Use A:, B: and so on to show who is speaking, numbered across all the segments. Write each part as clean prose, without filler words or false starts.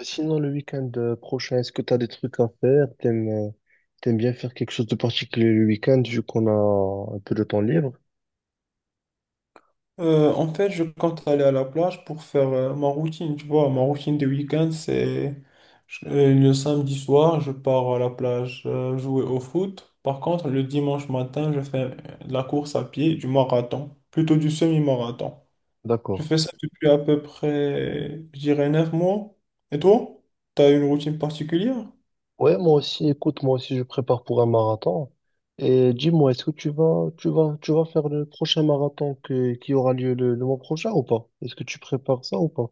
A: Sinon, le week-end prochain, est-ce que tu as des trucs à faire? T'aimes bien faire quelque chose de particulier le week-end vu qu'on a un peu de temps libre?
B: En fait, je compte aller à la plage pour faire ma routine, tu vois. Ma routine de week-end, c'est le samedi soir, je pars à la plage jouer au foot. Par contre, le dimanche matin, je fais de la course à pied, du marathon, plutôt du semi-marathon. Je
A: D'accord.
B: fais ça depuis à peu près, je dirais, 9 mois. Et toi? T'as une routine particulière?
A: Ouais, moi aussi, écoute, moi aussi, je prépare pour un marathon. Et dis-moi, est-ce que tu vas faire le prochain marathon qui aura lieu le mois prochain ou pas? Est-ce que tu prépares ça ou pas?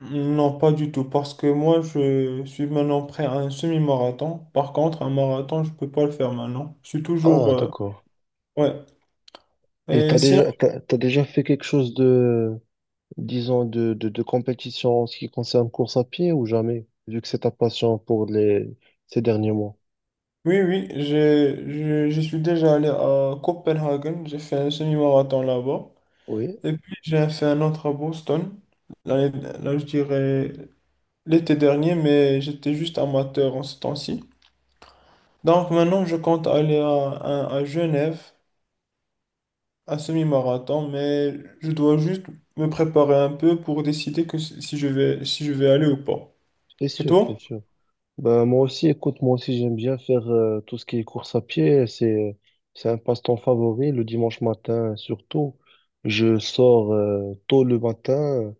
B: Non, pas du tout, parce que moi, je suis maintenant prêt à un semi-marathon. Par contre, un marathon, je peux pas le faire maintenant. Je suis toujours...
A: Ah, d'accord.
B: ouais.
A: Et
B: Et
A: t'as
B: sinon,
A: déjà, t'as, t'as déjà fait quelque chose de, disons, de compétition en ce qui concerne course à pied ou jamais, vu que c'est ta passion pour les, ces derniers mois?
B: oui, oui, je suis déjà allé à Copenhague, j'ai fait un semi-marathon là-bas.
A: Oui,
B: Et puis, j'ai fait un autre à Boston, l'année- là, je dirais l'été dernier, mais j'étais juste amateur en ce temps-ci. Donc maintenant, je compte aller à Genève, un semi-marathon, mais je dois juste me préparer un peu pour décider que si je vais, si je vais aller ou pas.
A: c'est
B: Et
A: sûr, c'est
B: toi?
A: sûr. Ben, moi aussi, écoute, moi aussi, j'aime bien faire tout ce qui est course à pied. C'est un passe-temps favori. Le dimanche matin, surtout, je sors tôt le matin,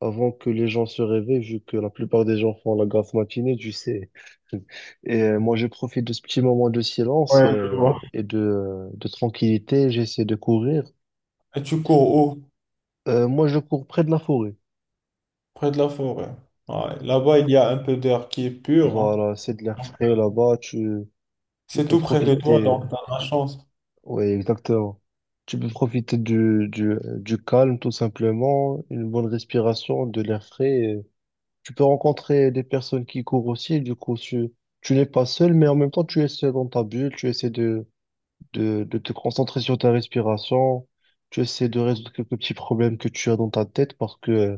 A: avant que les gens se réveillent, vu que la plupart des gens font la grasse matinée, tu sais. Et moi, je profite de ce petit moment de silence
B: Ouais, je vois.
A: et de tranquillité. J'essaie de courir.
B: Et tu cours où?
A: Moi, je cours près de la forêt.
B: Près de la forêt. Ouais. Là-bas, il y a un peu d'air qui est pur, hein.
A: Voilà, c'est de l'air frais là-bas. Tu
B: C'est
A: peux
B: tout près de toi,
A: profiter.
B: donc t'as de la chance.
A: Oui, exactement. Tu peux profiter du calme, tout simplement, une bonne respiration, de l'air frais. Tu peux rencontrer des personnes qui courent aussi, du coup, tu n'es pas seul, mais en même temps, tu essaies dans ta bulle, tu essaies de, de te concentrer sur ta respiration, tu essaies de résoudre quelques petits problèmes que tu as dans ta tête parce que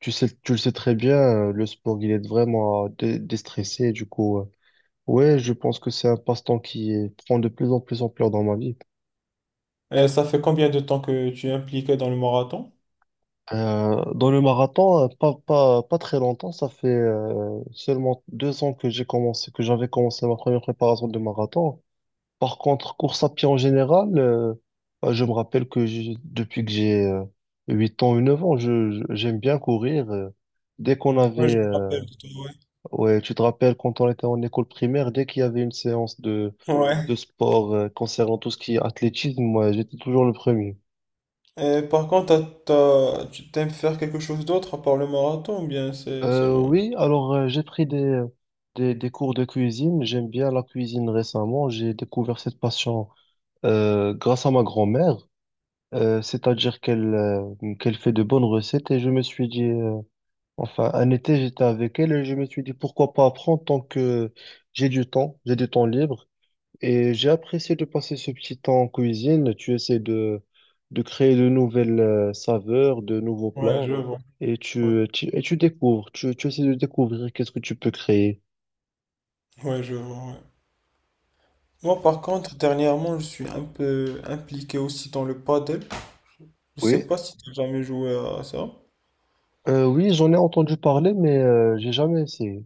A: tu sais, tu le sais très bien, le sport, il aide vraiment à déstresser, du coup, ouais, je pense que c'est un passe-temps prend de plus en plus ampleur dans ma vie.
B: Et ça fait combien de temps que tu es impliqué dans le marathon?
A: Dans le marathon, pas très longtemps, ça fait seulement 2 ans que j'ai commencé, que j'avais commencé ma première préparation de marathon. Par contre, course à pied en général, bah, je me rappelle depuis que j'ai 8 ans ou 9 ans, j'aime bien courir. Dès qu'on
B: Oui,
A: avait,
B: je me rappelle de toi,
A: ouais, tu te rappelles quand on était en école primaire, dès qu'il y avait une séance de,
B: ouais. Ouais.
A: de sport concernant tout ce qui est athlétisme, moi, j'étais toujours le premier.
B: Et par contre, tu t'aimes faire quelque chose d'autre à part le marathon ou bien c'est seulement...
A: Oui, alors j'ai pris des, des cours de cuisine. J'aime bien la cuisine récemment. J'ai découvert cette passion grâce à ma grand-mère. C'est-à-dire qu'elle fait de bonnes recettes et je me suis dit, enfin un été j'étais avec elle et je me suis dit pourquoi pas apprendre tant que j'ai du temps libre et j'ai apprécié de passer ce petit temps en cuisine. Tu essaies de créer de nouvelles saveurs, de nouveaux
B: Ouais,
A: plats
B: je vois.
A: et
B: Ouais,
A: tu découvres, tu essaies de découvrir qu'est-ce que tu peux créer.
B: ouais, je vois. Ouais. Moi, par contre, dernièrement, je suis un peu impliqué aussi dans le paddle. Je sais
A: Oui,
B: pas si tu as jamais joué à ça.
A: Oui j'en ai entendu parler mais j'ai jamais essayé.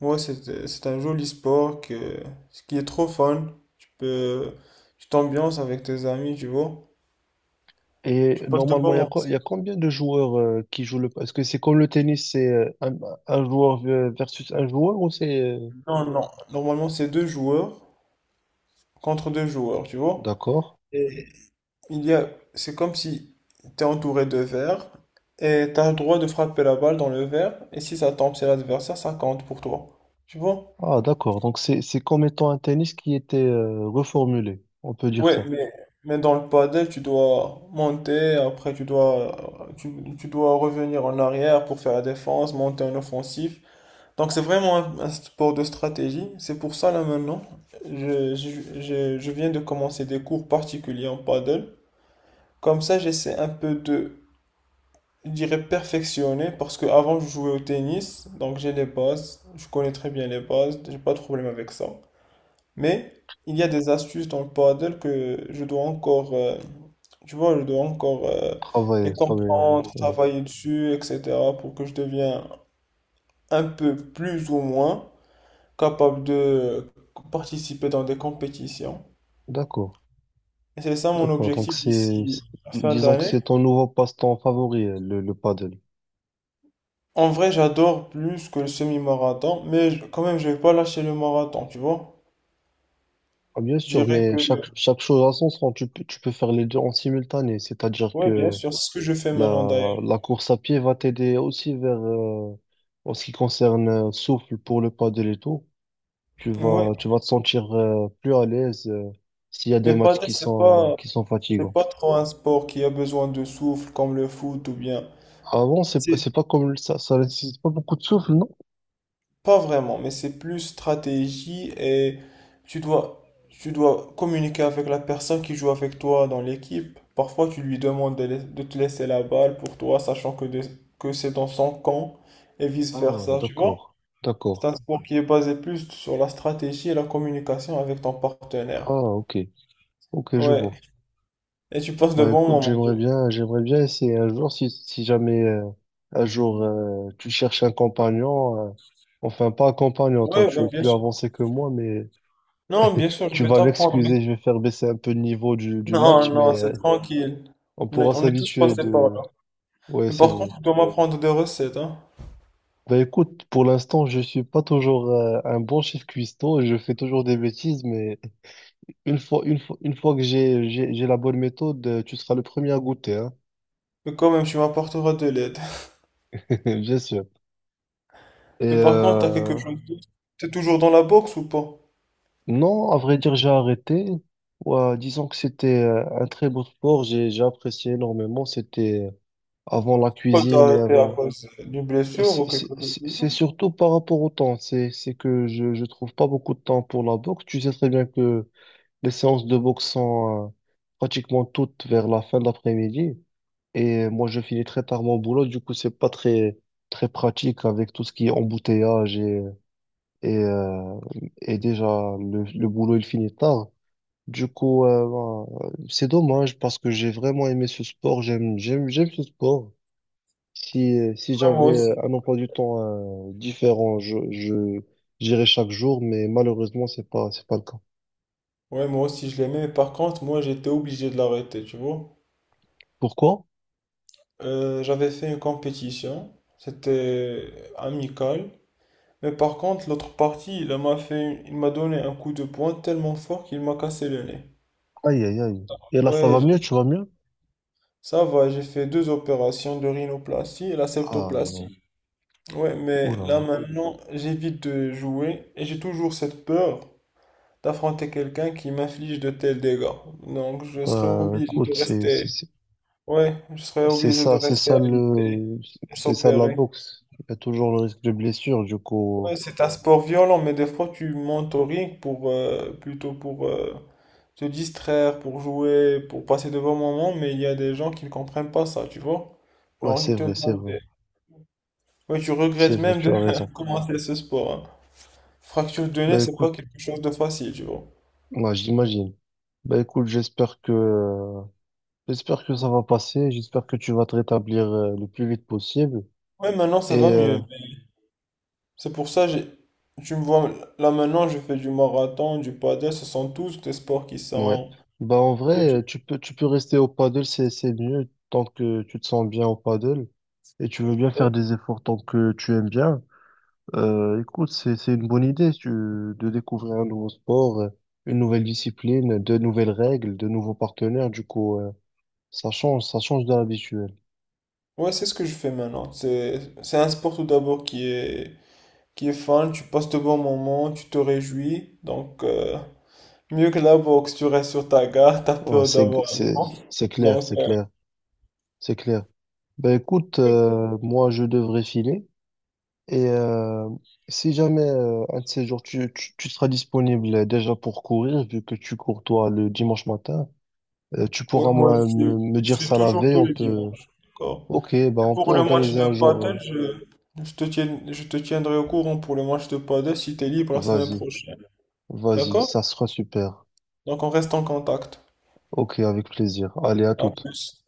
B: Ouais, c'est un joli sport que, ce qui est trop fun. Tu peux, tu t'ambiances avec tes amis, tu vois.
A: Et
B: Tu passes de
A: normalement,
B: bons
A: il y a,
B: moments.
A: il y a combien de joueurs qui jouent le. Est-ce que c'est comme le tennis, c'est un, joueur versus un joueur ou
B: Non, non. Normalement, c'est deux joueurs contre deux joueurs, tu vois.
A: D'accord.
B: Et il y a, c'est comme si tu es entouré de verres et tu as le droit de frapper la balle dans le verre. Et si ça tombe, c'est l'adversaire, ça compte pour toi. Tu vois?
A: Ah, d'accord. Donc, c'est comme étant un tennis qui était reformulé. On peut dire
B: Ouais,
A: ça.
B: mais dans le padel, tu dois monter, après tu dois revenir en arrière pour faire la défense, monter en offensif. Donc c'est vraiment un sport de stratégie. C'est pour ça là maintenant, je viens de commencer des cours particuliers en padel. Comme ça, j'essaie un peu de, je dirais, perfectionner parce que avant je jouais au tennis, donc j'ai les bases, je connais très bien les bases, j'ai pas de problème avec ça. Mais il y a des astuces dans le paddle que je dois encore, tu vois, je dois encore
A: Travailler,
B: les
A: travailler. Oui,
B: comprendre,
A: oui.
B: travailler dessus, etc. pour que je devienne un peu plus ou moins capable de participer dans des compétitions.
A: D'accord.
B: Et c'est ça mon
A: D'accord. Donc,
B: objectif d'ici la fin
A: disons que
B: d'année.
A: c'est ton nouveau passe-temps favori, le paddle.
B: En vrai, j'adore plus que le semi-marathon, mais quand même, je vais pas lâcher le marathon, tu vois.
A: Ah, bien
B: Je
A: sûr,
B: dirais
A: mais
B: que,
A: chaque chose à son sens, tu peux faire les deux en simultané. C'est-à-dire
B: ouais, bien
A: que
B: sûr, c'est ce que je fais maintenant d'ailleurs.
A: la course à pied va t'aider aussi en ce qui concerne souffle pour le paddle et tout. Tu vas,
B: Ouais,
A: tu vas te sentir plus à l'aise s'il y a des
B: mais
A: matchs
B: paddle,
A: qui
B: c'est
A: sont,
B: pas.
A: qui sont
B: C'est
A: fatigants.
B: pas trop un sport qui a besoin de souffle comme le foot ou bien.
A: Avant,
B: C'est
A: c'est pas comme ça nécessite pas beaucoup de souffle, non?
B: pas vraiment, mais c'est plus stratégie et tu dois, tu dois communiquer avec la personne qui joue avec toi dans l'équipe. Parfois, tu lui demandes de te laisser la balle pour toi, sachant que que c'est dans son camp et
A: Ah,
B: vice-versa, tu vois?
A: d'accord,
B: C'est
A: d'accord.
B: un sport qui est basé plus sur la stratégie et la communication avec ton partenaire.
A: Ah, ok, ok, je
B: Ouais,
A: vois.
B: et tu passes de
A: Bah
B: bons
A: écoute,
B: moments.
A: j'aimerais bien essayer un jour si jamais un jour tu cherches un compagnon, enfin pas un compagnon, toi
B: Ouais,
A: tu es
B: ouais, bien
A: plus
B: sûr.
A: avancé que moi, mais
B: Non, bien sûr, je
A: tu
B: vais
A: vas
B: t'apprendre.
A: m'excuser, je vais faire baisser un peu le niveau du
B: Non,
A: match,
B: non,
A: mais
B: c'est tranquille.
A: on pourra
B: On est tous
A: s'habituer
B: passés par
A: de.
B: là.
A: Ouais,
B: Mais
A: c'est
B: par
A: vrai.
B: contre, tu dois m'apprendre des recettes, hein.
A: Bah écoute, pour l'instant, je suis pas toujours un bon chef cuistot, je fais toujours des bêtises, mais une fois que j'ai la bonne méthode, tu seras le premier à goûter, hein.
B: Mais quand même, tu m'apporteras de l'aide.
A: Bien sûr. Et
B: Mais par contre, t'as quelque
A: euh,
B: chose d'autre? T'es toujours dans la boxe ou pas?
A: non, à vrai dire, j'ai arrêté. Ouais, disons que c'était un très beau sport, j'ai apprécié énormément, c'était avant la
B: Quoi, t'as
A: cuisine et
B: arrêté à
A: avant.
B: cause d'une blessure ou
A: C'est c'est-
B: quelque chose
A: c'est-
B: du
A: c'est
B: genre?
A: surtout par rapport au temps. C'est que je ne trouve pas beaucoup de temps pour la boxe. Tu sais très bien que les séances de boxe sont pratiquement toutes vers la fin de l'après-midi. Et moi, je finis très tard mon boulot. Du coup, c'est pas très, très pratique avec tout ce qui est embouteillage et, euh, et déjà le boulot, il finit tard. Du coup, c'est dommage parce que j'ai vraiment aimé ce sport. J'aime ce sport. Si
B: Ouais,
A: j'avais
B: moi aussi.
A: un emploi du temps différent, j'irais chaque jour, mais malheureusement, c'est pas le cas.
B: Ouais, moi aussi, je l'aimais, mais par contre, moi, j'étais obligé de l'arrêter, tu vois.
A: Pourquoi?
B: J'avais fait une compétition. C'était amical. Mais par contre, l'autre partie, il m'a donné un coup de poing tellement fort qu'il m'a cassé le nez.
A: Aïe, aïe, aïe. Et là, ça
B: Ouais,
A: va mieux, tu vas mieux?
B: ça va, j'ai fait deux opérations de rhinoplastie et la
A: Ah,
B: septoplastie. Ouais,
A: oh
B: mais
A: là
B: là
A: là.
B: maintenant, j'évite de jouer et j'ai toujours cette peur d'affronter quelqu'un qui m'inflige de tels dégâts. Donc, je serais obligé de
A: Écoute, c'est,
B: rester.
A: c'est, c'est
B: Ouais, je serais
A: c'est
B: obligé de
A: ça, c'est
B: rester
A: ça
B: alité
A: le,
B: et
A: c'est ça de la
B: s'opérer.
A: boxe. Il y a toujours le risque de blessure, du
B: Ouais,
A: coup.
B: c'est un sport violent, mais des fois tu montes au ring pour plutôt pour te distraire, pour jouer, pour passer de bons moments, mais il y a des gens qui ne comprennent pas ça, tu vois.
A: Ouais,
B: Genre, ils
A: c'est
B: te
A: vrai, c'est
B: donnent
A: vrai.
B: des- Oui, tu
A: C'est
B: regrettes
A: vrai,
B: même
A: tu
B: de
A: as raison.
B: commencer ce sport, hein. Fracture de nez,
A: Bah
B: c'est pas
A: écoute,
B: quelque chose de facile, tu vois.
A: ouais, j'imagine. Bah écoute, j'espère que ça va passer. J'espère que tu vas te rétablir le plus vite possible.
B: Ouais, maintenant ça
A: Et
B: va
A: euh,
B: mieux, mais c'est pour ça, j'ai... tu me vois là maintenant, je fais du marathon, du paddle, ce sont tous des sports qui
A: ouais,
B: sont.
A: bah en vrai, tu peux rester au paddle, c'est mieux tant que tu te sens bien au paddle et tu veux bien faire
B: Ouais,
A: des efforts tant que tu aimes bien. Écoute, c'est une bonne idée si tu, de découvrir un nouveau sport, une nouvelle discipline, de nouvelles règles, de nouveaux partenaires. Du coup, ça change de l'habituel.
B: ouais, c'est ce que je fais maintenant. C'est un sport tout d'abord qui est fun, tu passes de bons moments, tu te réjouis. Donc mieux que la boxe, tu restes sur ta garde, t'as
A: Ouais,
B: peur
A: c'est
B: d'avoir un
A: c'est
B: cramp.
A: c'est clair,
B: Donc
A: c'est clair, c'est clair. Bah écoute, moi je devrais filer. Et euh, Si jamais un de ces jours, tu seras disponible déjà pour courir, vu que tu cours toi le dimanche matin, tu
B: oui,
A: pourras
B: moi je
A: moi, me,
B: suis
A: me
B: je
A: dire
B: suis
A: ça la
B: toujours
A: veille,
B: tous
A: on
B: les
A: peut.
B: dimanches. D'accord.
A: Ok, bah on peut
B: Pour le match
A: organiser un
B: de paddle,
A: jour.
B: je te tiendrai au courant pour le match de paddle si tu es libre la semaine
A: Vas-y,
B: prochaine.
A: vas-y,
B: D'accord?
A: ça sera super.
B: Donc on reste en contact.
A: Ok, avec plaisir. Allez, à
B: À
A: toutes.
B: plus.